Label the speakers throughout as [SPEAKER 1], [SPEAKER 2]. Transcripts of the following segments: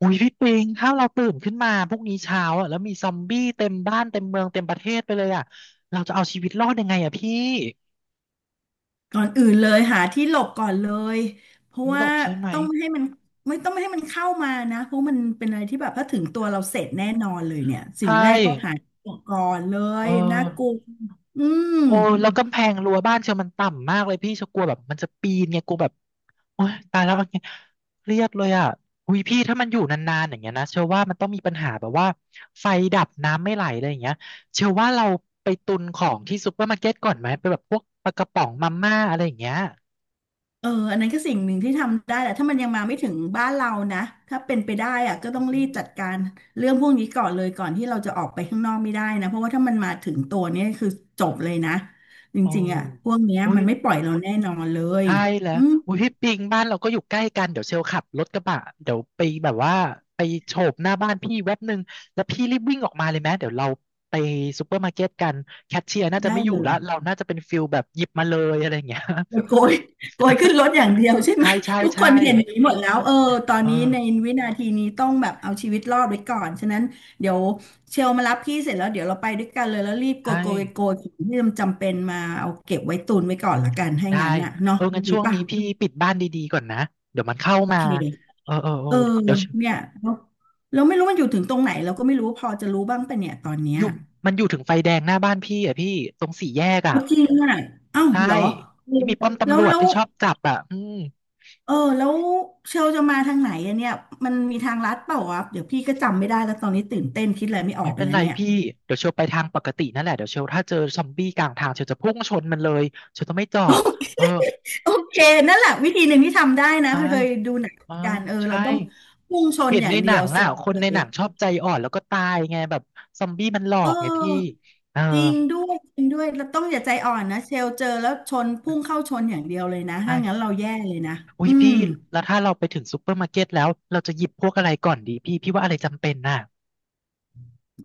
[SPEAKER 1] อุ้ยพี่ปิงถ้าเราตื่นขึ้นมาพรุ่งนี้เช้าอะแล้วมีซอมบี้เต็มบ้านเต็มเมืองเต็มประเทศไปเลยอะเราจะเอาชีวิตรอดยังไงอ่ะพี่
[SPEAKER 2] ก่อนอื่นเลยหาที่หลบก่อนเลยเพราะ
[SPEAKER 1] นี่หล
[SPEAKER 2] ว่า
[SPEAKER 1] บใช่ไหม
[SPEAKER 2] ต้องไม่ให้มันต้องไม่ให้มันเข้ามานะเพราะมันเป็นอะไรที่แบบถ้าถึงตัวเราเสร็จแน่นอนเลยเนี่ยสิ่ง
[SPEAKER 1] ใช่
[SPEAKER 2] แรกต้องหาที่หลบก่อนเล
[SPEAKER 1] เออ
[SPEAKER 2] ยน่ากลัวอืม
[SPEAKER 1] โอ้แล้วกำแพงรั้วบ้านเชียวมันต่ำมากเลยพี่เชียวกลัวแบบมันจะปีนไงกลัวแบบโอ๊ยตายแล้วอะไรเงยเครียดเลยอ่ะอุ้ยพี่ถ้ามันอยู่นานๆอย่างเงี้ยนะเชื่อว่ามันต้องมีปัญหาแบบว่าไฟดับน้ำไม่ไหลอะไรอย่างเงี้ยเชื่อว่าเราไปตุนของที่ซูเปอร์มาร์เก็ตก่อนไหมไปแบบพวกปลากระป๋องมาม่าอะไรอย่างเงี้ย
[SPEAKER 2] เอออันนั้นก็สิ่งหนึ่งที่ทำได้แหละถ้ามันยังมาไม่ถึงบ้านเรานะถ้าเป็นไปได้อะก็ต้
[SPEAKER 1] อื
[SPEAKER 2] องรีบ
[SPEAKER 1] ม
[SPEAKER 2] จัดการเรื่องพวกนี้ก่อนเลยก่อนที่เราจะออกไปข้างนอกไม่ได้นะเพราะว่าถ้ามันมาถึงตัวเนี่ยคือจบเลยนะจ
[SPEAKER 1] โอ้
[SPEAKER 2] ริงๆอะพวกเนี้ย
[SPEAKER 1] อุ้ย
[SPEAKER 2] มันไม่ปล่อยเราแน่นอนเลย
[SPEAKER 1] ใช่แล้ว
[SPEAKER 2] อืม
[SPEAKER 1] อุ้ยพี่ปิงบ้านเราก็อยู่ใกล้กันเดี๋ยวเชลขับรถกระบะเดี๋ยวไปแบบว่าไปโฉบหน้าบ้านพี่แว็บหนึ่งแล้วพี่รีบวิ่งออกมาเลยไหมเดี๋ยวเราไปซูเปอร์มาร์เก็ตกันแคชเชียร์น่าจะ
[SPEAKER 2] ได้
[SPEAKER 1] ไม่อยู่
[SPEAKER 2] เลย
[SPEAKER 1] ละเราน่าจะเป็นฟิลแบบหยิบมาเลยอะไรอย่างเงี้ย
[SPEAKER 2] มันโกยขึ้นรถอย่างเดียวใช่ไหม
[SPEAKER 1] ใช่ใช่
[SPEAKER 2] ทุกค
[SPEAKER 1] ใช่
[SPEAKER 2] นเห็นอย่างนี้หมดแล้วเออตอน
[SPEAKER 1] เออ
[SPEAKER 2] นี้ในวินาทีนี้ต้องแบบเอาชีวิตรอดไว้ก่อนฉะนั้นเดี๋ยวเชลมารับพี่เสร็จแล้วเดี๋ยวเราไปด้วยกันเลยแล้วรีบโก
[SPEAKER 1] ใช่
[SPEAKER 2] ยโกยโกยของที่มันจำเป็นมาเอาเก็บไว้ตุนไว้ก่อนละกันให้
[SPEAKER 1] ได้
[SPEAKER 2] งั้นน่ะเนาะ
[SPEAKER 1] เอองั้น
[SPEAKER 2] ดี
[SPEAKER 1] ช่วง
[SPEAKER 2] ป่ะ
[SPEAKER 1] นี้พี่ปิดบ้านดีๆก่อนนะเดี๋ยวมันเข้า
[SPEAKER 2] โอ
[SPEAKER 1] มา
[SPEAKER 2] เค
[SPEAKER 1] เออเออเออ
[SPEAKER 2] เออ
[SPEAKER 1] เดี๋ยว
[SPEAKER 2] เนี่ยแล้วแล้วไม่รู้มันอยู่ถึงตรงไหนเราก็ไม่รู้พอจะรู้บ้างปะเนี่ยตอนเนี้
[SPEAKER 1] อ
[SPEAKER 2] ย
[SPEAKER 1] ยู่มันอยู่ถึงไฟแดงหน้าบ้านพี่อ่ะพี่ตรงสี่แยกอ่ะ
[SPEAKER 2] เอาจริงอ่ะเอ้าว
[SPEAKER 1] ใช่
[SPEAKER 2] เหรอเออ
[SPEAKER 1] ที่มีป้อม
[SPEAKER 2] แล้
[SPEAKER 1] ตำร
[SPEAKER 2] ว
[SPEAKER 1] วจ
[SPEAKER 2] แล้ว
[SPEAKER 1] ที่ชอบจับอ่ะอืม
[SPEAKER 2] แล้วเชลจะมาทางไหนอะเนี่ยมันมีทางลัดเปล่าวะเดี๋ยวพี่ก็จำไม่ได้แล้วตอนนี้ตื่นเต้นคิดอะไรไม่ออ
[SPEAKER 1] ไม่
[SPEAKER 2] กไป
[SPEAKER 1] เป็น
[SPEAKER 2] แล้ว
[SPEAKER 1] ไร
[SPEAKER 2] เนี่ย
[SPEAKER 1] พี่เดี๋ยวเชลไปทางปกตินั่นแหละเดี๋ยวเชลถ้าเจอซอมบี้กลางทางเชลจะพุ่งชนมันเลยเชลจะไม่จอ
[SPEAKER 2] โอ
[SPEAKER 1] ด
[SPEAKER 2] เค
[SPEAKER 1] เออ
[SPEAKER 2] โอเค
[SPEAKER 1] เชล
[SPEAKER 2] นั่นแหละวิธีหนึ่งที่ทำได้นะ
[SPEAKER 1] ใช่
[SPEAKER 2] เคยดูหนัง
[SPEAKER 1] เออ
[SPEAKER 2] กันเออเรา
[SPEAKER 1] ใช่
[SPEAKER 2] ต้องพุ่งชน
[SPEAKER 1] เห็น
[SPEAKER 2] อย่า
[SPEAKER 1] ใน
[SPEAKER 2] งเดี
[SPEAKER 1] หนั
[SPEAKER 2] ยว
[SPEAKER 1] ง
[SPEAKER 2] เสร็
[SPEAKER 1] อ่ะ
[SPEAKER 2] จ
[SPEAKER 1] คน
[SPEAKER 2] เล
[SPEAKER 1] ในห
[SPEAKER 2] ย
[SPEAKER 1] นังชอบใจอ่อนแล้วก็ตายไงแบบซอมบี้มันหลอ
[SPEAKER 2] เอ
[SPEAKER 1] กไงพี่
[SPEAKER 2] อ
[SPEAKER 1] เออ
[SPEAKER 2] จริงด้วยจริงด้วยเราต้องอย่าใจอ่อนนะเชลเจอแล้วชนพุ่งเข้าชนอย่างเดียวเลยนะ
[SPEAKER 1] ใช่
[SPEAKER 2] ถ้างั้นเราแย่เลยนะ
[SPEAKER 1] อุ้
[SPEAKER 2] อื
[SPEAKER 1] ย
[SPEAKER 2] ม
[SPEAKER 1] พี่แล้วถ้าเราไปถึงซูเปอร์มาร์เก็ตแล้วเราจะหยิบพวกอะไรก่อนดีพี่พี่ว่าอะไรจำเป็นน่ะ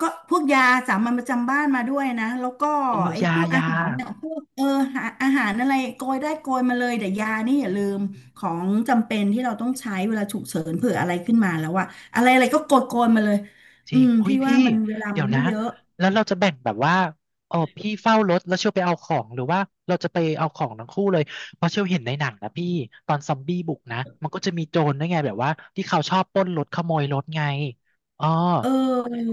[SPEAKER 2] ก็พวกยาสามัญประจำบ้านมาด้วยนะแล้วก็
[SPEAKER 1] เออ
[SPEAKER 2] ไอ้
[SPEAKER 1] ยา
[SPEAKER 2] พวกอา
[SPEAKER 1] ยา
[SPEAKER 2] หารเนี่ยพวกอาหารอะไรโกยได้โกยมาเลยแต่ยานี่อย่า
[SPEAKER 1] อื
[SPEAKER 2] ลืมข
[SPEAKER 1] ม
[SPEAKER 2] องจำเป็นที่เราต้องใช้เวลาฉุกเฉินเผื่ออะไรขึ้นมาแล้วอะอะไรอะไรก็โกยมาเลย
[SPEAKER 1] จ
[SPEAKER 2] อื
[SPEAKER 1] ริง
[SPEAKER 2] ม
[SPEAKER 1] อุ้ย
[SPEAKER 2] พี่ว่า
[SPEAKER 1] พี่
[SPEAKER 2] มันเวลา
[SPEAKER 1] เดี๋
[SPEAKER 2] มั
[SPEAKER 1] ย
[SPEAKER 2] น
[SPEAKER 1] ว
[SPEAKER 2] ไม่
[SPEAKER 1] นะ
[SPEAKER 2] เยอะ
[SPEAKER 1] แล้วเราจะแบ่งแบบว่าอ๋อพี่เฝ้ารถแล้วเชียวไปเอาของหรือว่าเราจะไปเอาของทั้งคู่เลย เพราะเชียวเห็นในหนังนะพี่ตอนซอมบี้บุกนะ มันก็จะมีโจรด้วยไงแบบว่าที่เขาชอบปล้นรถขโมยรถไงอ๋อ
[SPEAKER 2] เออ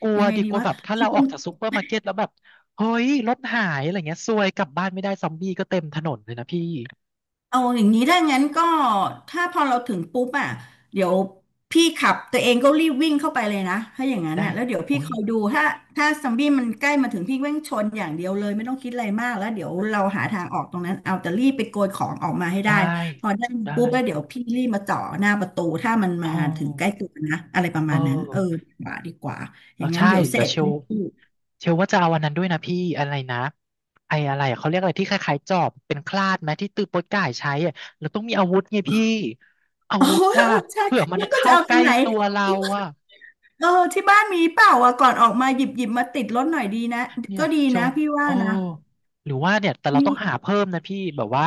[SPEAKER 1] กลัว
[SPEAKER 2] ยังไง
[SPEAKER 1] ดิ
[SPEAKER 2] ดี
[SPEAKER 1] กลัว
[SPEAKER 2] วะ
[SPEAKER 1] แบบถ้าเราออกจากซูเปอร์มาร์เก็ตแล้วแบบเฮ้ยรถหายอะไรเงี้ยซวยกลับบ้านไม่ได้ซอมบี้ก็เต็มถนนเลยนะพี่
[SPEAKER 2] เอาอย่างนี้ถ้างั้นก็ถ้าพอเราถึงปุ๊บอ่ะเดี๋ยวพี่ขับตัวเองก็รีบวิ่งเข้าไปเลยนะถ้าอย่างนั้น
[SPEAKER 1] ได้
[SPEAKER 2] น่ะแล้วเดี๋ยวพี่
[SPEAKER 1] อุ้ย
[SPEAKER 2] คอยดูถ้าซอมบี้มันใกล้มาถึงพี่วิ่งชนอย่างเดียวเลยไม่ต้องคิดอะไรมากแล้วเดี๋ยวเราหาทางออกตรงนั้นเอาแต่รีบไปโกยของออกมาให้ได้
[SPEAKER 1] ได้
[SPEAKER 2] พอได้
[SPEAKER 1] ได้
[SPEAKER 2] ปุ๊บแล้วเดี๋ยวพี่รีบมาจ่อหน้าประตูถ้ามัน
[SPEAKER 1] อ๋
[SPEAKER 2] มาถึงใกล้
[SPEAKER 1] อ
[SPEAKER 2] ตัวนะอะไรประ
[SPEAKER 1] เออ
[SPEAKER 2] มาณนั้นเออดีกว่าดีกว่าอ
[SPEAKER 1] เออ
[SPEAKER 2] ย่างนั้น
[SPEAKER 1] ใช่
[SPEAKER 2] เดี๋ยวเส
[SPEAKER 1] เดี๋
[SPEAKER 2] ร็
[SPEAKER 1] ยว
[SPEAKER 2] จ
[SPEAKER 1] เช
[SPEAKER 2] ทั้
[SPEAKER 1] ล
[SPEAKER 2] งคู่
[SPEAKER 1] เชลว่าจะเอาวันนั้นด้วยนะพี่อะไรนะไอ้อะไรอะเขาเรียกอะไรที่คล้ายๆจอบเป็นคลาดไหมที่ตือโป๊ยก่ายใช้อะเราต้องมีอาวุธไงพี่อา
[SPEAKER 2] โอ้
[SPEAKER 1] วุธ
[SPEAKER 2] เอ
[SPEAKER 1] อ่ะ
[SPEAKER 2] อใช่
[SPEAKER 1] เผื่อมัน
[SPEAKER 2] แล้วก็จะ
[SPEAKER 1] เข้า
[SPEAKER 2] เอาต
[SPEAKER 1] ใก
[SPEAKER 2] ร
[SPEAKER 1] ล้
[SPEAKER 2] งไหน
[SPEAKER 1] ตัวเราอ่ะ
[SPEAKER 2] เออที่บ้านมีเปล่าอ่ะก่อนออกมาหยิบมาติดรถหน่อยดีนะ
[SPEAKER 1] เนี่ย
[SPEAKER 2] ก็ดี
[SPEAKER 1] เช
[SPEAKER 2] นะ
[SPEAKER 1] ว์
[SPEAKER 2] พี่ว่า
[SPEAKER 1] โอ้
[SPEAKER 2] นะ
[SPEAKER 1] หรือว่าเนี่ยแต่เรา
[SPEAKER 2] มี
[SPEAKER 1] ต้องหาเพิ่มนะพี่แบบว่า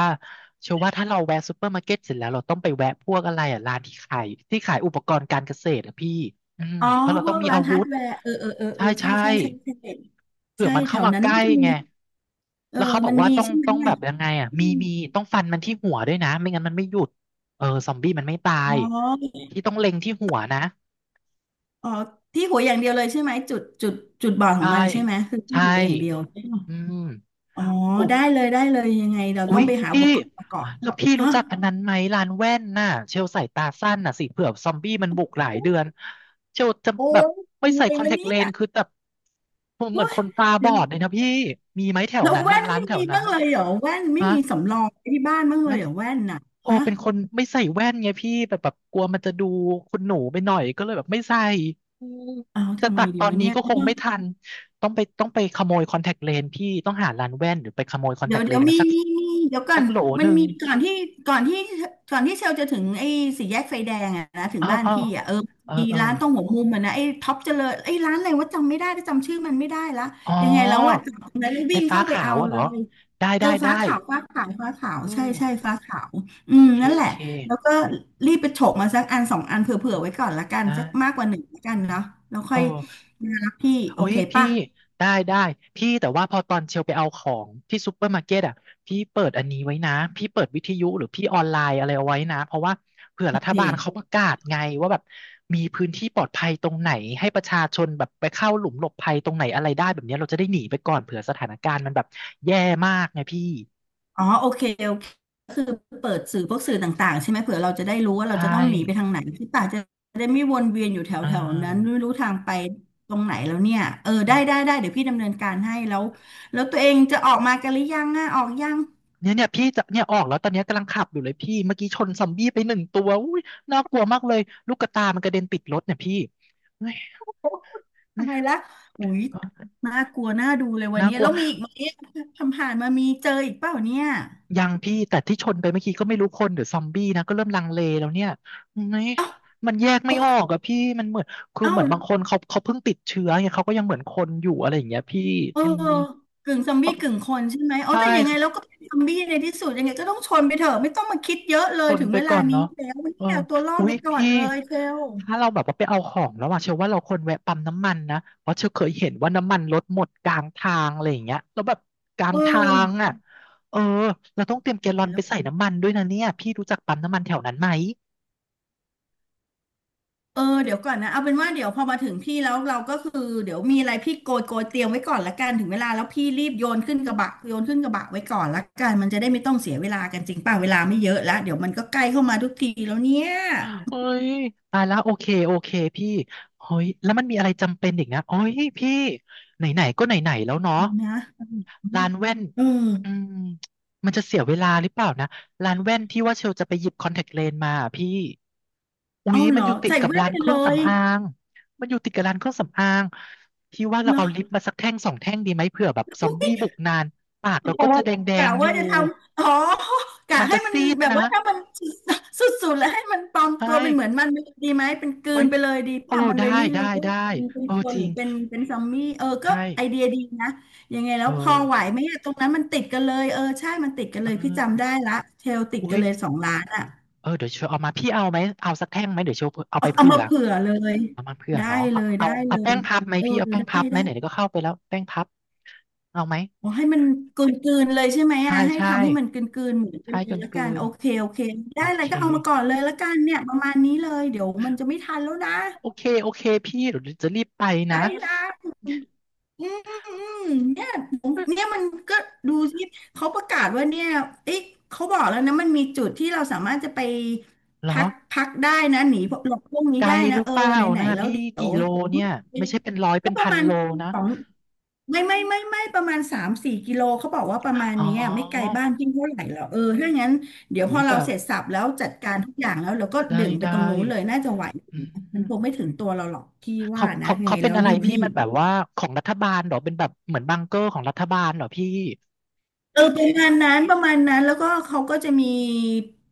[SPEAKER 1] เชื่อว่าถ้าเราแวะซูเปอร์มาร์เก็ตเสร็จแล้วเราต้องไปแวะพวกอะไรอ่ะร้านที่ขายอุปกรณ์การเกษตรอ่ะพี่อืม
[SPEAKER 2] อ๋อ
[SPEAKER 1] เพราะเรา
[SPEAKER 2] พ
[SPEAKER 1] ต้อ
[SPEAKER 2] ว
[SPEAKER 1] ง
[SPEAKER 2] ก
[SPEAKER 1] มี
[SPEAKER 2] ร้า
[SPEAKER 1] อา
[SPEAKER 2] น
[SPEAKER 1] วุ
[SPEAKER 2] ฮาร์ด
[SPEAKER 1] ธ
[SPEAKER 2] แวร์เออเออเออเอ
[SPEAKER 1] ใช่
[SPEAKER 2] อใช่
[SPEAKER 1] ใช่
[SPEAKER 2] ใช่ใช่ใช่
[SPEAKER 1] เผื่อ
[SPEAKER 2] ใช่
[SPEAKER 1] มัน
[SPEAKER 2] แถ
[SPEAKER 1] เข้า
[SPEAKER 2] ว
[SPEAKER 1] มา
[SPEAKER 2] นั้น
[SPEAKER 1] ใกล้
[SPEAKER 2] มัน
[SPEAKER 1] ไง
[SPEAKER 2] มีเออ
[SPEAKER 1] แล้วเขาบอ
[SPEAKER 2] มั
[SPEAKER 1] ก
[SPEAKER 2] น
[SPEAKER 1] ว่า
[SPEAKER 2] มี
[SPEAKER 1] ต้อง
[SPEAKER 2] ใช่ไหม
[SPEAKER 1] ต้องแบ
[SPEAKER 2] อ่ะ
[SPEAKER 1] บยังไงอ่ะ
[SPEAKER 2] อื
[SPEAKER 1] มี
[SPEAKER 2] ม
[SPEAKER 1] มีต้องฟันมันที่หัวด้วยนะไม่งั้นมันไม่หยุดเออซอมบี้มันไม่ตา
[SPEAKER 2] อ๋
[SPEAKER 1] ย
[SPEAKER 2] อ
[SPEAKER 1] ที่ต้องเล็งที่หัวนะ
[SPEAKER 2] อ๋อที่หัวอย่างเดียวเลยใช่ไหมจุดบอดขอ
[SPEAKER 1] ใช่
[SPEAKER 2] งมันใช่ไหมคือที่
[SPEAKER 1] ใช่
[SPEAKER 2] หัวอย่างเดียวใช่ปะ
[SPEAKER 1] อืม
[SPEAKER 2] อ๋อ
[SPEAKER 1] โอ้
[SPEAKER 2] ได้เลยได้เลยยังไงเรา
[SPEAKER 1] อุ๊
[SPEAKER 2] ต้อ
[SPEAKER 1] ย
[SPEAKER 2] งไปหาอุ
[SPEAKER 1] พี่
[SPEAKER 2] ปกรณ์มาก่อน
[SPEAKER 1] แล้วพี่
[SPEAKER 2] นะ
[SPEAKER 1] รู้จักอันนั้นไหมร้านแว่นน่ะเชลใส่ตาสั้นน่ะสิเผื่อซอมบี้มันบุกหลายเดือนเชลจะ
[SPEAKER 2] โอ้
[SPEAKER 1] แบบ
[SPEAKER 2] ย
[SPEAKER 1] ไม่
[SPEAKER 2] ทำอะ
[SPEAKER 1] ใส่
[SPEAKER 2] ไร
[SPEAKER 1] คอนแท
[SPEAKER 2] วะ
[SPEAKER 1] ค
[SPEAKER 2] เนี่
[SPEAKER 1] เล
[SPEAKER 2] ย
[SPEAKER 1] นส์คือแบบเห
[SPEAKER 2] โอ้
[SPEAKER 1] มือน
[SPEAKER 2] ย
[SPEAKER 1] คนตาบ
[SPEAKER 2] เดี๋ย
[SPEAKER 1] อ
[SPEAKER 2] ว
[SPEAKER 1] ดเลยนะพี่ มีไหมแถว
[SPEAKER 2] แล้ว
[SPEAKER 1] นั้น
[SPEAKER 2] แว่
[SPEAKER 1] นะ
[SPEAKER 2] น
[SPEAKER 1] ร้าน
[SPEAKER 2] ไม่
[SPEAKER 1] แถ
[SPEAKER 2] มี
[SPEAKER 1] วนั้น
[SPEAKER 2] บ้าง
[SPEAKER 1] นะ
[SPEAKER 2] เลยเหรอแว่นไม่
[SPEAKER 1] ฮะ
[SPEAKER 2] มีสำรองไว้ที่บ้านบ้างเล
[SPEAKER 1] แว่
[SPEAKER 2] ย
[SPEAKER 1] น
[SPEAKER 2] เหรอแว่นน่ะ
[SPEAKER 1] โอ
[SPEAKER 2] ฮะ
[SPEAKER 1] เป็นคนไม่ใส่แว่นไงพี่แบบกลัวมันจะดูคุณหนูไปหน่อยก็เลยแบบไม่ใส่อืม
[SPEAKER 2] เอา
[SPEAKER 1] จะ
[SPEAKER 2] ทำ
[SPEAKER 1] ตั
[SPEAKER 2] ไง
[SPEAKER 1] ด
[SPEAKER 2] ดี
[SPEAKER 1] ตอน
[SPEAKER 2] วะ
[SPEAKER 1] นี้
[SPEAKER 2] เนี่ย
[SPEAKER 1] ก็คงไม่ทันต้องไปขโมยคอนแทคเลนส์พี่ต้องหาร้านแว่นหรือไปขโมยคอนแท
[SPEAKER 2] เดี๋ยว
[SPEAKER 1] คเล
[SPEAKER 2] เดี๋ย
[SPEAKER 1] น
[SPEAKER 2] ว
[SPEAKER 1] ส์มา
[SPEAKER 2] มี
[SPEAKER 1] สัก
[SPEAKER 2] มีมีเดี๋ยวก่อ
[SPEAKER 1] สั
[SPEAKER 2] น
[SPEAKER 1] กโหลห
[SPEAKER 2] มัน
[SPEAKER 1] นึ่ง
[SPEAKER 2] มีก่อนที่ก่อนที่เชลจะถึงไอ้สี่แยกไฟแดงอะนะถึง
[SPEAKER 1] อ๋อ
[SPEAKER 2] บ้าน
[SPEAKER 1] อ๋อ
[SPEAKER 2] พี่อะเออ
[SPEAKER 1] เออ
[SPEAKER 2] มี
[SPEAKER 1] เออ
[SPEAKER 2] ร้านตรงหัวมุมอะนะไอ้ท็อปเจริญไอ้ร้านอะไรว่าจำไม่ได้แต่จำชื่อมันไม่ได้ละ
[SPEAKER 1] อ๋อ
[SPEAKER 2] ยังไงแล้วว่าจับแล้ว
[SPEAKER 1] ไฟ
[SPEAKER 2] วิ่ง
[SPEAKER 1] ฟ้า
[SPEAKER 2] เข้าไป
[SPEAKER 1] ขา
[SPEAKER 2] เอา
[SPEAKER 1] วอะเห
[SPEAKER 2] เล
[SPEAKER 1] รอ
[SPEAKER 2] ย
[SPEAKER 1] ได้
[SPEAKER 2] เอ
[SPEAKER 1] ได้
[SPEAKER 2] อ
[SPEAKER 1] ได้
[SPEAKER 2] ฟ้าขาวฟ้าขาวฟ้าขาว
[SPEAKER 1] เอ
[SPEAKER 2] ใช่ใช่
[SPEAKER 1] อ
[SPEAKER 2] ฟ้าขาวอื
[SPEAKER 1] โอ
[SPEAKER 2] ม
[SPEAKER 1] เค
[SPEAKER 2] นั่น
[SPEAKER 1] โอ
[SPEAKER 2] แหละ
[SPEAKER 1] เค
[SPEAKER 2] แล้วก็รีบไปฉกมาสักอันสองอันเผื่อๆไว้ก่อนละกัน
[SPEAKER 1] นะ
[SPEAKER 2] สักมากกว่าหนึ่งละกันเนาะแล้ว
[SPEAKER 1] เอ
[SPEAKER 2] ค่อย
[SPEAKER 1] อ
[SPEAKER 2] มารับพี่โอ
[SPEAKER 1] โอ้ย
[SPEAKER 2] เค
[SPEAKER 1] พี่
[SPEAKER 2] ป่ะ
[SPEAKER 1] ได้ได้พี่แต่ว่าพอตอนเชลไปเอาของที่ซูเปอร์มาร์เก็ตอ่ะพี่เปิดอันนี้ไว้นะพี่เปิดวิทยุหรือพี่ออนไลน์อะไรเอาไว้นะเพราะว่าเผื่อ
[SPEAKER 2] โอ
[SPEAKER 1] รัฐ
[SPEAKER 2] เค
[SPEAKER 1] บาลเขาประกาศไงว่าแบบมีพื้นที่ปลอดภัยตรงไหนให้ประชาชนแบบไปเข้าหลุมหลบภัยตรงไหนอะไรได้แบบเนี้ยเราจะได้หนีไปก่อนเผื่อสถานการณ์มันแบบแย่มากไงพี่
[SPEAKER 2] อ๋อโอเคก็คือเปิดสื่อพวกสื่อต่างๆใช่ไหมเผื่อเราจะได้รู้ว่าเรา
[SPEAKER 1] ใช่
[SPEAKER 2] จะต้องหนีไปทางไหนที่ป่าจะได้ไม่วนเวียนอยู่แถ
[SPEAKER 1] อ่
[SPEAKER 2] วๆนั้น
[SPEAKER 1] า
[SPEAKER 2] ไม่รู้ทางไปตรงไหนแล้วเนี่ยเออได้เดี๋ยวพี่ดำเนินการให้แล้วแล้วตัวเองจะออกมากันหรือยังอ่ะออกยัง
[SPEAKER 1] เนี่ยเนี่ยพี่จะเนี่ยออกแล้วตอนเนี้ยกำลังขับอยู่เลยพี่เมื่อกี้ชนซอมบี้ไปหนึ่งตัวอุ้ยน่ากลัวมากเลยลูกกระตามันกระเด็นติดรถเนี่ยพี่เฮ้ยเฮ้
[SPEAKER 2] อะ
[SPEAKER 1] ย
[SPEAKER 2] ไรละอุ้ยน่ากลัวน่าดูเลยวัน
[SPEAKER 1] น่า
[SPEAKER 2] นี้
[SPEAKER 1] กลั
[SPEAKER 2] แล้
[SPEAKER 1] ว
[SPEAKER 2] วมีอีกไหมทำผ่านมามีเจออีกเปล่าเนี่ย
[SPEAKER 1] ยังพี่แต่ที่ชนไปเมื่อกี้ก็ไม่รู้คนหรือซอมบี้นะก็เริ่มลังเลแล้วเนี่ยเฮ้ย
[SPEAKER 2] เอ้า
[SPEAKER 1] มันแยก
[SPEAKER 2] เ
[SPEAKER 1] ไม่ออกอะพี่มันเหมือนคือ
[SPEAKER 2] อ้า
[SPEAKER 1] เหมือนบางคนเขาเพิ่งติดเชื้อไงเขาก็ยังเหมือนคนอยู่อะไรอย่างเงี้ยพี่
[SPEAKER 2] เออ
[SPEAKER 1] อืม
[SPEAKER 2] กึ่งซอมบี้กึ่งคนใช่ไหมอ๋
[SPEAKER 1] ใช
[SPEAKER 2] อแต่ยังไงเรา
[SPEAKER 1] ่
[SPEAKER 2] ก็เป็นซอมบี้ในที่สุดยังไงก็ต้องชนไปเถอะไม่ต้องมาคิดเยอะเล
[SPEAKER 1] ท
[SPEAKER 2] ย
[SPEAKER 1] น
[SPEAKER 2] ถึง
[SPEAKER 1] ไป
[SPEAKER 2] เวลา
[SPEAKER 1] ก่อน
[SPEAKER 2] นี้
[SPEAKER 1] เนาะ
[SPEAKER 2] แล้ววัน
[SPEAKER 1] เออ
[SPEAKER 2] นี้เอาตัวรอด
[SPEAKER 1] อุ๊
[SPEAKER 2] ไป
[SPEAKER 1] ย
[SPEAKER 2] ก่อน
[SPEAKER 1] พี่
[SPEAKER 2] เลยเชล
[SPEAKER 1] ถ้าเราแบบว่าไปเอาของแล้วอะเชื่อว่าเราควรแวะปั๊มน้ำมันนะเพราะเชื่อเคยเห็นว่าน้ำมันลดหมดกลางทางอะไรอย่างเงี้ยแล้วแบบกลา
[SPEAKER 2] เอ
[SPEAKER 1] งทาง
[SPEAKER 2] อ
[SPEAKER 1] อ่ะเออเราต้องเตรียมแกลลอน
[SPEAKER 2] แล้
[SPEAKER 1] ไป
[SPEAKER 2] ว
[SPEAKER 1] ใส่น้ำมันด้วยนะเนี่ยพี่รู้จักปั๊มน้ำมันแถวนั้นไหม
[SPEAKER 2] เดี๋ยวก่อนนะเอาเป็นว่าเดี๋ยวพอมาถึงพี่แล้วเราก็คือเดี๋ยวมีอะไรพี่โกยเตรียมไว้ก่อนละกันถึงเวลาแล้วพี่รีบโยนขึ้นกระบะโยนขึ้นกระบะไว้ก่อนละกันมันจะได้ไม่ต้องเสียเวลากันจริงป่ะเวลาไม่เยอะแล้วเดี๋ยวมันก็ใกล้เข้ามาทุกทีแล้วเนี่ย
[SPEAKER 1] เอ้ยตายแล้วโอเคโอเคพี่เฮ้ยแล้วมันมีอะไรจำเป็นอีกนะเอ้ยพี่ไหนๆก็ไหนๆแล้วเนาะ
[SPEAKER 2] นะ
[SPEAKER 1] ร้านแว่น
[SPEAKER 2] เออ
[SPEAKER 1] อืมมันจะเสียเวลาหรือเปล่านะร้านแว่นที่ว่าเชลจะไปหยิบคอนแทคเลนส์มาอะพี่อุ๊
[SPEAKER 2] เอา
[SPEAKER 1] ย
[SPEAKER 2] เห
[SPEAKER 1] มั
[SPEAKER 2] ร
[SPEAKER 1] น
[SPEAKER 2] อ
[SPEAKER 1] อยู่ติด
[SPEAKER 2] ใส่
[SPEAKER 1] กับ
[SPEAKER 2] แว่น
[SPEAKER 1] ร้าน
[SPEAKER 2] ไป
[SPEAKER 1] เค
[SPEAKER 2] เล
[SPEAKER 1] รื่อง
[SPEAKER 2] ย
[SPEAKER 1] สำอางมันอยู่ติดกับร้านเครื่องสำอางพี่ว่าเรา
[SPEAKER 2] เหรอ
[SPEAKER 1] เอาลิปมาสักแท่งสองแท่งดีไหมเผื่อแบบซอมบี้บุ กนานปากเราก็จะแดงแด
[SPEAKER 2] กะ
[SPEAKER 1] งอ
[SPEAKER 2] ว่า
[SPEAKER 1] ยู่
[SPEAKER 2] จะทำอ๋อกะ
[SPEAKER 1] มัน
[SPEAKER 2] ให้
[SPEAKER 1] จะ
[SPEAKER 2] มัน
[SPEAKER 1] ซีด
[SPEAKER 2] แบบ
[SPEAKER 1] นะ
[SPEAKER 2] ว่าถ้ามันสุดๆแล้วให้มันปลอม
[SPEAKER 1] ใช่
[SPEAKER 2] ตัวเป็นเหมือนมันดีไหมเป็นกลื
[SPEAKER 1] โอ้ย
[SPEAKER 2] นไปเลยดี
[SPEAKER 1] โอ้
[SPEAKER 2] ป่ะมัน
[SPEAKER 1] ได้
[SPEAKER 2] เลยไม่
[SPEAKER 1] ได้
[SPEAKER 2] รู้ว่า
[SPEAKER 1] ได้
[SPEAKER 2] เป็น
[SPEAKER 1] โอ้
[SPEAKER 2] คน
[SPEAKER 1] จ
[SPEAKER 2] ห
[SPEAKER 1] ริ
[SPEAKER 2] รื
[SPEAKER 1] ง
[SPEAKER 2] อเป็นซอมบี้เออก็
[SPEAKER 1] ใช่
[SPEAKER 2] ไอเดียดีนะยังไงแล้
[SPEAKER 1] เออ
[SPEAKER 2] วพอไหวไหมอะตรงนั้นมันติดกันเลยเออใช่มันติดกันเลย
[SPEAKER 1] เอื
[SPEAKER 2] พี่จำได้ละเทลติด
[SPEAKER 1] อุ๊
[SPEAKER 2] กั
[SPEAKER 1] ย
[SPEAKER 2] นเลยสองล้านอ่ะ
[SPEAKER 1] เออเดี๋ยวเชลเอามาพี่เอาไหมเอาสักแท่งไหมเดี๋ยวเชลเอาไป
[SPEAKER 2] เอาเอา
[SPEAKER 1] เผื่
[SPEAKER 2] มา
[SPEAKER 1] อ
[SPEAKER 2] เผื่อเลย
[SPEAKER 1] น้ำมันเพื่อน
[SPEAKER 2] ได้
[SPEAKER 1] เนาะ
[SPEAKER 2] เล
[SPEAKER 1] เอา
[SPEAKER 2] ย
[SPEAKER 1] เอา
[SPEAKER 2] ได้เล
[SPEAKER 1] เอาแป้
[SPEAKER 2] ย
[SPEAKER 1] งพับไหม
[SPEAKER 2] เออ
[SPEAKER 1] พี่เอาแป้ง
[SPEAKER 2] ได้
[SPEAKER 1] พับไหม
[SPEAKER 2] ได้
[SPEAKER 1] ไหนๆก็เข้าไปแล้วแป้งพับเอาไหม
[SPEAKER 2] อ๋อให้มันกลืนๆเลยใช่ไหม
[SPEAKER 1] ใช่
[SPEAKER 2] อ่ะให้
[SPEAKER 1] ใช่
[SPEAKER 2] ทำให้มันกลืนๆเหมือนกัน
[SPEAKER 1] ใช่
[SPEAKER 2] เล
[SPEAKER 1] เกิ
[SPEAKER 2] ย
[SPEAKER 1] น
[SPEAKER 2] ละกั
[SPEAKER 1] เกิ
[SPEAKER 2] น
[SPEAKER 1] น
[SPEAKER 2] โอเคโอเคได้
[SPEAKER 1] โอ
[SPEAKER 2] อะไร
[SPEAKER 1] เค
[SPEAKER 2] ก็เอามาก่อนเลยละกันเนี่ยประมาณนี้เลยเดี๋ยวมันจะไม่ทันแล้วนะ
[SPEAKER 1] โอเคโอเคพี่เดี๋ยวจะรีบไปนะ
[SPEAKER 2] ได้ละอืมอืมเนี่ยผมเนี่ยมันก็ดูสิเขาประกาศว่าเนี่ยเอ๊ะเขาบอกแล้วนะมันมีจุดที่เราสามารถจะไป
[SPEAKER 1] เหรอ
[SPEAKER 2] พักได้นะหนีพวกนี้
[SPEAKER 1] ไกล
[SPEAKER 2] ได้
[SPEAKER 1] ห
[SPEAKER 2] นะ
[SPEAKER 1] รือ
[SPEAKER 2] เออ
[SPEAKER 1] เปล่า
[SPEAKER 2] ไหน
[SPEAKER 1] นะ
[SPEAKER 2] ๆแล้ว
[SPEAKER 1] พี่
[SPEAKER 2] เดี๋ย
[SPEAKER 1] กี่
[SPEAKER 2] ว
[SPEAKER 1] โลเนี่ยไม่ใช่เป็นร้อยเป็
[SPEAKER 2] ก็
[SPEAKER 1] น
[SPEAKER 2] ประ
[SPEAKER 1] พัน
[SPEAKER 2] มาณ
[SPEAKER 1] โลนะ
[SPEAKER 2] สอง ไม่ประมาณสามสี่กิโลเขาบอกว่าประมาณ
[SPEAKER 1] อ๋อ
[SPEAKER 2] เนี้ยไม่ไกลบ้านพี่เท่าไหร่หรอกเออถ้างั้นเดี๋ยวพ
[SPEAKER 1] อุ้ย
[SPEAKER 2] อ
[SPEAKER 1] แบ
[SPEAKER 2] เรา
[SPEAKER 1] บ
[SPEAKER 2] เสร็จสับแล้วจัดการทุกอย่างแล้วเราก็ดึ
[SPEAKER 1] ได้
[SPEAKER 2] งไป
[SPEAKER 1] ได้
[SPEAKER 2] ตรงนู้นเลยน่าจะไหว
[SPEAKER 1] อื
[SPEAKER 2] มันคงไม่
[SPEAKER 1] ม
[SPEAKER 2] ถึงตัวเราหรอกพี่ว่า
[SPEAKER 1] เขา
[SPEAKER 2] นะ
[SPEAKER 1] เขา
[SPEAKER 2] ยัง
[SPEAKER 1] เขา
[SPEAKER 2] ไง
[SPEAKER 1] เป็น
[SPEAKER 2] แล้ว
[SPEAKER 1] อะไร
[SPEAKER 2] รีบ
[SPEAKER 1] พี่
[SPEAKER 2] รี
[SPEAKER 1] มั
[SPEAKER 2] บ
[SPEAKER 1] นแบบว่าของรัฐบาลเหรอเป็นแบบเหมือนบังเกอร์ของรัฐบาลเหรอพี่
[SPEAKER 2] เออประมาณนั้นประมาณนั้นแล้วก็เขาก็จะมี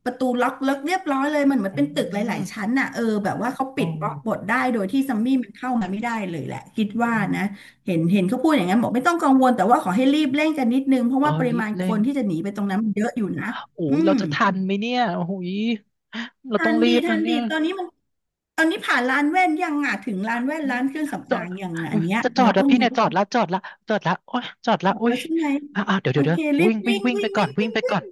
[SPEAKER 2] ประตูล็อกเลิกเรียบร้อยเลยมันเหมือน
[SPEAKER 1] อื
[SPEAKER 2] เป็นตึกห
[SPEAKER 1] ม
[SPEAKER 2] ลายๆชั้นน่ะเออแบบว่าเขา
[SPEAKER 1] โอ
[SPEAKER 2] ปิดบล็อกบ
[SPEAKER 1] ้
[SPEAKER 2] ดได้โดยที่ซัมมี่มันเข้ามาไม่ได้เลยแหละคิดว่า
[SPEAKER 1] อืม
[SPEAKER 2] นะเห็นเขาพูดอย่างนั้นบอกไม่ต้องกังวลแต่ว่าขอให้รีบเร่งกันนิดนึงเพราะ
[SPEAKER 1] อ๋
[SPEAKER 2] ว่า
[SPEAKER 1] อ
[SPEAKER 2] ปริ
[SPEAKER 1] รี
[SPEAKER 2] มา
[SPEAKER 1] บ
[SPEAKER 2] ณค
[SPEAKER 1] เร่ง
[SPEAKER 2] นที่จะหนีไปตรงนั้นมันเยอะอยู่นะ
[SPEAKER 1] โอ้
[SPEAKER 2] อื
[SPEAKER 1] ยเรา
[SPEAKER 2] ม
[SPEAKER 1] จะทันไหมเนี่ยโอ้ยเราต้
[SPEAKER 2] ทั
[SPEAKER 1] อง
[SPEAKER 2] น
[SPEAKER 1] รี
[SPEAKER 2] ดี
[SPEAKER 1] บ
[SPEAKER 2] ทั
[SPEAKER 1] นะ
[SPEAKER 2] น
[SPEAKER 1] เนี่
[SPEAKER 2] ดี
[SPEAKER 1] ย
[SPEAKER 2] ตอนนี้มันตอนนี้ผ่านร้านแว่นยังอ่ะถึงร้านแว่น
[SPEAKER 1] อืม
[SPEAKER 2] ร้านเครื่อง
[SPEAKER 1] จ
[SPEAKER 2] สำ
[SPEAKER 1] อ
[SPEAKER 2] อา
[SPEAKER 1] ด
[SPEAKER 2] งยังอะอันเนี้ย
[SPEAKER 1] จะจอ
[SPEAKER 2] เรา
[SPEAKER 1] ดแล้ว
[SPEAKER 2] ต้อง
[SPEAKER 1] พี่เนี่ยจอดละจอดละจอดละโอ้ยจอดละ
[SPEAKER 2] บอก
[SPEAKER 1] โอ้
[SPEAKER 2] แล้
[SPEAKER 1] ย
[SPEAKER 2] วใช่ไหม
[SPEAKER 1] อ่าเดี๋ยว
[SPEAKER 2] โอ
[SPEAKER 1] เดี๋ยวเดี๋ย
[SPEAKER 2] เค
[SPEAKER 1] ว
[SPEAKER 2] รี
[SPEAKER 1] วิ่
[SPEAKER 2] บ
[SPEAKER 1] งวิ่ง
[SPEAKER 2] วิ่ง
[SPEAKER 1] วิ่งไป
[SPEAKER 2] วิ่ง
[SPEAKER 1] ก่อ
[SPEAKER 2] วิ่
[SPEAKER 1] น
[SPEAKER 2] ง
[SPEAKER 1] วิ่ง
[SPEAKER 2] วิ่
[SPEAKER 1] ไป
[SPEAKER 2] ง
[SPEAKER 1] ก่อน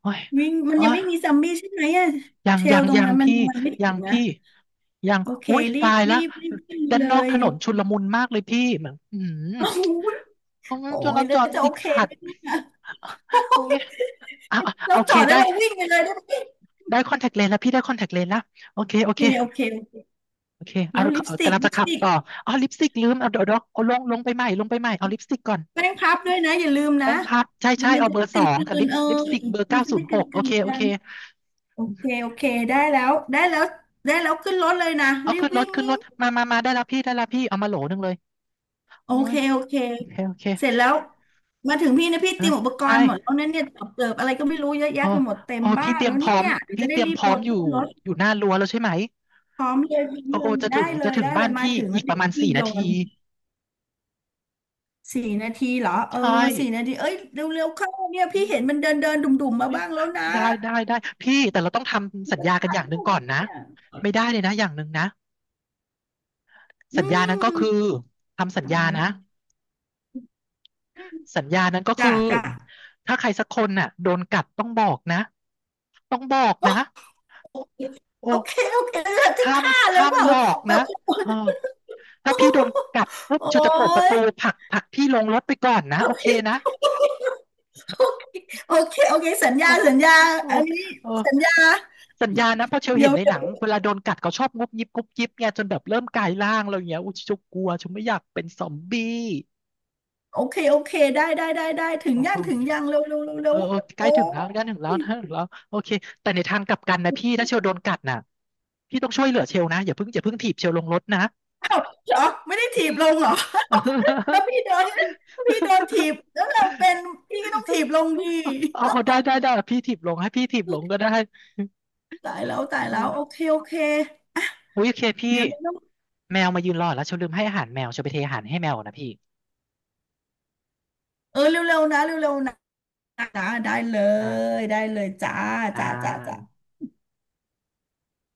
[SPEAKER 1] โอ้ย
[SPEAKER 2] วิ่งมัน
[SPEAKER 1] โอ้
[SPEAKER 2] ยัง
[SPEAKER 1] ย
[SPEAKER 2] ไม่มีซอมบี้ใช่ไหมอะ
[SPEAKER 1] ยัง
[SPEAKER 2] เช
[SPEAKER 1] ยั
[SPEAKER 2] ล
[SPEAKER 1] ง
[SPEAKER 2] ตรง
[SPEAKER 1] ยัง
[SPEAKER 2] นั้นมัน
[SPEAKER 1] พี่
[SPEAKER 2] มันไม่ถึ
[SPEAKER 1] ยัง
[SPEAKER 2] งนะ
[SPEAKER 1] พี่ยัง
[SPEAKER 2] โอเค
[SPEAKER 1] อุ้ย
[SPEAKER 2] รี
[SPEAKER 1] ตา
[SPEAKER 2] บ
[SPEAKER 1] ย
[SPEAKER 2] รี
[SPEAKER 1] ละ
[SPEAKER 2] บรีบขึ้น
[SPEAKER 1] ด้าน
[SPEAKER 2] เล
[SPEAKER 1] นอกถ
[SPEAKER 2] ย
[SPEAKER 1] นนชุลมุนมากเลยพี่แบบอืม
[SPEAKER 2] โอ้โห
[SPEAKER 1] ตรงนั้
[SPEAKER 2] โอ้
[SPEAKER 1] นจ
[SPEAKER 2] ย
[SPEAKER 1] รา
[SPEAKER 2] แล้
[SPEAKER 1] จ
[SPEAKER 2] ว
[SPEAKER 1] ร
[SPEAKER 2] จะโอ
[SPEAKER 1] ติด
[SPEAKER 2] เค
[SPEAKER 1] ขั
[SPEAKER 2] ไหม
[SPEAKER 1] ด
[SPEAKER 2] เนี่ยโอ้
[SPEAKER 1] อุ้ย
[SPEAKER 2] ย
[SPEAKER 1] เอาเอา
[SPEAKER 2] เรา
[SPEAKER 1] โอ
[SPEAKER 2] จ
[SPEAKER 1] เค
[SPEAKER 2] อดแล้
[SPEAKER 1] ได้
[SPEAKER 2] วเราวิ่งไปเลยได้ไหม
[SPEAKER 1] ได้คอนแทคเลนส์แล้วพี่ได้คอนแทคเลนส์แล้วโอเค
[SPEAKER 2] โอ
[SPEAKER 1] โอ
[SPEAKER 2] เค
[SPEAKER 1] เค
[SPEAKER 2] โอเคโอเค
[SPEAKER 1] โอเค
[SPEAKER 2] แล้
[SPEAKER 1] เอา
[SPEAKER 2] วลิปส
[SPEAKER 1] เอา
[SPEAKER 2] ติก
[SPEAKER 1] กำลัง
[SPEAKER 2] ลิ
[SPEAKER 1] จะ
[SPEAKER 2] ปส
[SPEAKER 1] ขับ
[SPEAKER 2] ติก
[SPEAKER 1] ต่ออ๋อลิปสติกลืมเอาเดี๋ยวเดี๋ยวเอาลงลงไปใหม่ลงไปใหม่ เอาลิปสติกก่อน
[SPEAKER 2] แป้งพับด้วยนะอย่าลืมนะ
[SPEAKER 1] แป้งพับใช่
[SPEAKER 2] เดี๋ย
[SPEAKER 1] ใช่
[SPEAKER 2] วมัน
[SPEAKER 1] เอา
[SPEAKER 2] จะ
[SPEAKER 1] เบอ
[SPEAKER 2] ได้
[SPEAKER 1] ร์
[SPEAKER 2] ก
[SPEAKER 1] ส
[SPEAKER 2] ล
[SPEAKER 1] อง
[SPEAKER 2] ื
[SPEAKER 1] กับลิ
[SPEAKER 2] น
[SPEAKER 1] ป
[SPEAKER 2] ๆเออ
[SPEAKER 1] ลิปสติกเบอร์
[SPEAKER 2] มั
[SPEAKER 1] เก้า
[SPEAKER 2] นจะ
[SPEAKER 1] ศู
[SPEAKER 2] ได้
[SPEAKER 1] นย์
[SPEAKER 2] ก
[SPEAKER 1] ห
[SPEAKER 2] ล
[SPEAKER 1] กโอ
[SPEAKER 2] ื
[SPEAKER 1] เค
[SPEAKER 2] นๆ
[SPEAKER 1] โอ
[SPEAKER 2] กั
[SPEAKER 1] เค
[SPEAKER 2] นโอเคโอเคได้แล้วได้แล้วได้แล้วขึ้นรถเลยนะ
[SPEAKER 1] เอา
[SPEAKER 2] รีบ
[SPEAKER 1] ขึ้นร
[SPEAKER 2] วิ่
[SPEAKER 1] ถ
[SPEAKER 2] ง
[SPEAKER 1] ขึ้น
[SPEAKER 2] วิ่
[SPEAKER 1] ร
[SPEAKER 2] ง
[SPEAKER 1] ถมามามาได้แล้วพี่ได้แล้วพี่เอามาโหลหนึ่งเลย
[SPEAKER 2] โอ
[SPEAKER 1] โอ้
[SPEAKER 2] เค
[SPEAKER 1] ย
[SPEAKER 2] โอเค
[SPEAKER 1] โอเคโอเค
[SPEAKER 2] เสร็จแล้วมาถึงพี่นะพี่
[SPEAKER 1] เอ้
[SPEAKER 2] เตรีย
[SPEAKER 1] ย
[SPEAKER 2] มอุปก
[SPEAKER 1] ใช่
[SPEAKER 2] รณ์หมดแล้วนั่นเนี่ยตอบเติบอะไรก็ไม่รู้เยอะแยะ
[SPEAKER 1] โอ้
[SPEAKER 2] ไปหมดเต็ม
[SPEAKER 1] โอ้
[SPEAKER 2] บ้า
[SPEAKER 1] พี่
[SPEAKER 2] น
[SPEAKER 1] เตรีย
[SPEAKER 2] แล้
[SPEAKER 1] ม
[SPEAKER 2] ว
[SPEAKER 1] พ
[SPEAKER 2] เนี่
[SPEAKER 1] ร้อม
[SPEAKER 2] ยเดี๋ยว
[SPEAKER 1] พี่
[SPEAKER 2] จะ
[SPEAKER 1] เต
[SPEAKER 2] ได้
[SPEAKER 1] รียม
[SPEAKER 2] รี
[SPEAKER 1] พ
[SPEAKER 2] บ
[SPEAKER 1] ร้
[SPEAKER 2] โย
[SPEAKER 1] อม
[SPEAKER 2] น
[SPEAKER 1] อยู่
[SPEAKER 2] ขึ้นรถ
[SPEAKER 1] อยู่หน้ารั้วแล้วใช่ไหม
[SPEAKER 2] พร้อมเลยพร้อม
[SPEAKER 1] โอ้
[SPEAKER 2] เล
[SPEAKER 1] โอ้
[SPEAKER 2] ย
[SPEAKER 1] จะถึ
[SPEAKER 2] ได้
[SPEAKER 1] ง
[SPEAKER 2] เล
[SPEAKER 1] จะ
[SPEAKER 2] ย
[SPEAKER 1] ถึง
[SPEAKER 2] ได้เล
[SPEAKER 1] บ้าน
[SPEAKER 2] ยมา
[SPEAKER 1] พี่
[SPEAKER 2] ถึง
[SPEAKER 1] อี
[SPEAKER 2] แล้ว
[SPEAKER 1] กป
[SPEAKER 2] เดี๋
[SPEAKER 1] ระ
[SPEAKER 2] ยว
[SPEAKER 1] มาณ
[SPEAKER 2] พี่
[SPEAKER 1] สี่
[SPEAKER 2] โย
[SPEAKER 1] นาที
[SPEAKER 2] นสี่นาทีเหรอเออ
[SPEAKER 1] ใช่
[SPEAKER 2] สี่นาทีเอ้ยเร็วๆเข้าเนี่ย
[SPEAKER 1] อื
[SPEAKER 2] พี่เห็น
[SPEAKER 1] ม
[SPEAKER 2] มันเดินเดินดุ่มๆมา
[SPEAKER 1] เอ้ย
[SPEAKER 2] บ้างแล้วนะ
[SPEAKER 1] ได้ได้ได้พี่แต่เราต้องทำสัญ
[SPEAKER 2] จะ
[SPEAKER 1] ญากัน
[SPEAKER 2] ตาย
[SPEAKER 1] อย่างห
[SPEAKER 2] แล้
[SPEAKER 1] นึ่
[SPEAKER 2] ว
[SPEAKER 1] งก่อนนะ
[SPEAKER 2] เนี่ย
[SPEAKER 1] ไม่ได้เลยนะอย่างหนึ่งนะ
[SPEAKER 2] อื
[SPEAKER 1] สัญญานั้นก็
[SPEAKER 2] ม
[SPEAKER 1] คือทำสัญญา
[SPEAKER 2] ตาย
[SPEAKER 1] นะ
[SPEAKER 2] ละอืม
[SPEAKER 1] สัญญานั้นก็คื
[SPEAKER 2] จ้า
[SPEAKER 1] อ
[SPEAKER 2] จ้า
[SPEAKER 1] ถ้าใครสักคนน่ะโดนกัดต้องบอกนะต้องบอกนะ
[SPEAKER 2] โอเค
[SPEAKER 1] โอ้
[SPEAKER 2] โอเคโอเคจะ
[SPEAKER 1] ห้าม
[SPEAKER 2] ฆ่าเลย
[SPEAKER 1] ห้าม
[SPEAKER 2] เปล่า
[SPEAKER 1] หลอก
[SPEAKER 2] แบ
[SPEAKER 1] นะ
[SPEAKER 2] บ
[SPEAKER 1] เออถ้าพี่โดน กัดปุ๊บ
[SPEAKER 2] โอ้
[SPEAKER 1] จูจะเปิดประตู
[SPEAKER 2] ย
[SPEAKER 1] ผลักผลักพี่ลงรถไปก่อนนะ
[SPEAKER 2] ไม่
[SPEAKER 1] โอเค
[SPEAKER 2] รู
[SPEAKER 1] นะ
[SPEAKER 2] ้โอเคโอเคโอเคสัญ
[SPEAKER 1] โอ้
[SPEAKER 2] ญาสัญญา
[SPEAKER 1] โอ้
[SPEAKER 2] อันนี้
[SPEAKER 1] โอ
[SPEAKER 2] สัญญา
[SPEAKER 1] สัญญานะเพราะเชล
[SPEAKER 2] เดี๋
[SPEAKER 1] เห็
[SPEAKER 2] ย
[SPEAKER 1] น
[SPEAKER 2] ว
[SPEAKER 1] ใน
[SPEAKER 2] เดี๋
[SPEAKER 1] ห
[SPEAKER 2] ยว
[SPEAKER 1] นังเวลาโดนกัดเขาชอบงุบยิบงุบยิบไงจนแบบเริ่มกลายร่างอะไรอย่างเงี้ยอุ้ยฉันกลัวฉันไม่อยากเป็นซอมบี้
[SPEAKER 2] โอเคโอเคได้ได้ได้ได้ถึง
[SPEAKER 1] โอ้
[SPEAKER 2] ยัง
[SPEAKER 1] ย
[SPEAKER 2] ถึงยังเร็วเร็วเร็วเร็
[SPEAKER 1] เออ
[SPEAKER 2] ว
[SPEAKER 1] เออใก
[SPEAKER 2] โอ้
[SPEAKER 1] ล้ถึงแล้วใกล้ถึงแล้ว
[SPEAKER 2] ย
[SPEAKER 1] ใกล้ถึงแล้วโอเคแต่ในทางกลับกันนะพี่ถ้าเชลโดนกัดน่ะพี่ต้องช่วยเหลือเชลนะอย่าเพิ่งอย่าเพิ่งถีบเชลลงรถนะ
[SPEAKER 2] อ้าวเหรอไม่ได้ถี
[SPEAKER 1] อื
[SPEAKER 2] บลง
[SPEAKER 1] ม
[SPEAKER 2] เหรอถ้าพี่โดนถีบแล้วเราเป็นพี่ก็ต้องถีบลงดี
[SPEAKER 1] เอาเอาได้ได้ได้พี่ถีบลงให้พี่ถีบลงก็ได้
[SPEAKER 2] ตายแล้วตาย
[SPEAKER 1] โอ
[SPEAKER 2] แล้วโอเค
[SPEAKER 1] ม
[SPEAKER 2] โอเค
[SPEAKER 1] อุ้ยโอเคพี่
[SPEAKER 2] เดี๋ยวเร็ว
[SPEAKER 1] แมวมายืนรอแล้วเชลลืมให้อาหารแมวเชลไปเทอาหารให้แมวก่อนนะพี่
[SPEAKER 2] ๆเออเร็วๆนะเร็วๆนะนะได้เล
[SPEAKER 1] อ่า
[SPEAKER 2] ยได้เลยจ้า
[SPEAKER 1] อ่
[SPEAKER 2] จ้าจ้าจ้า
[SPEAKER 1] า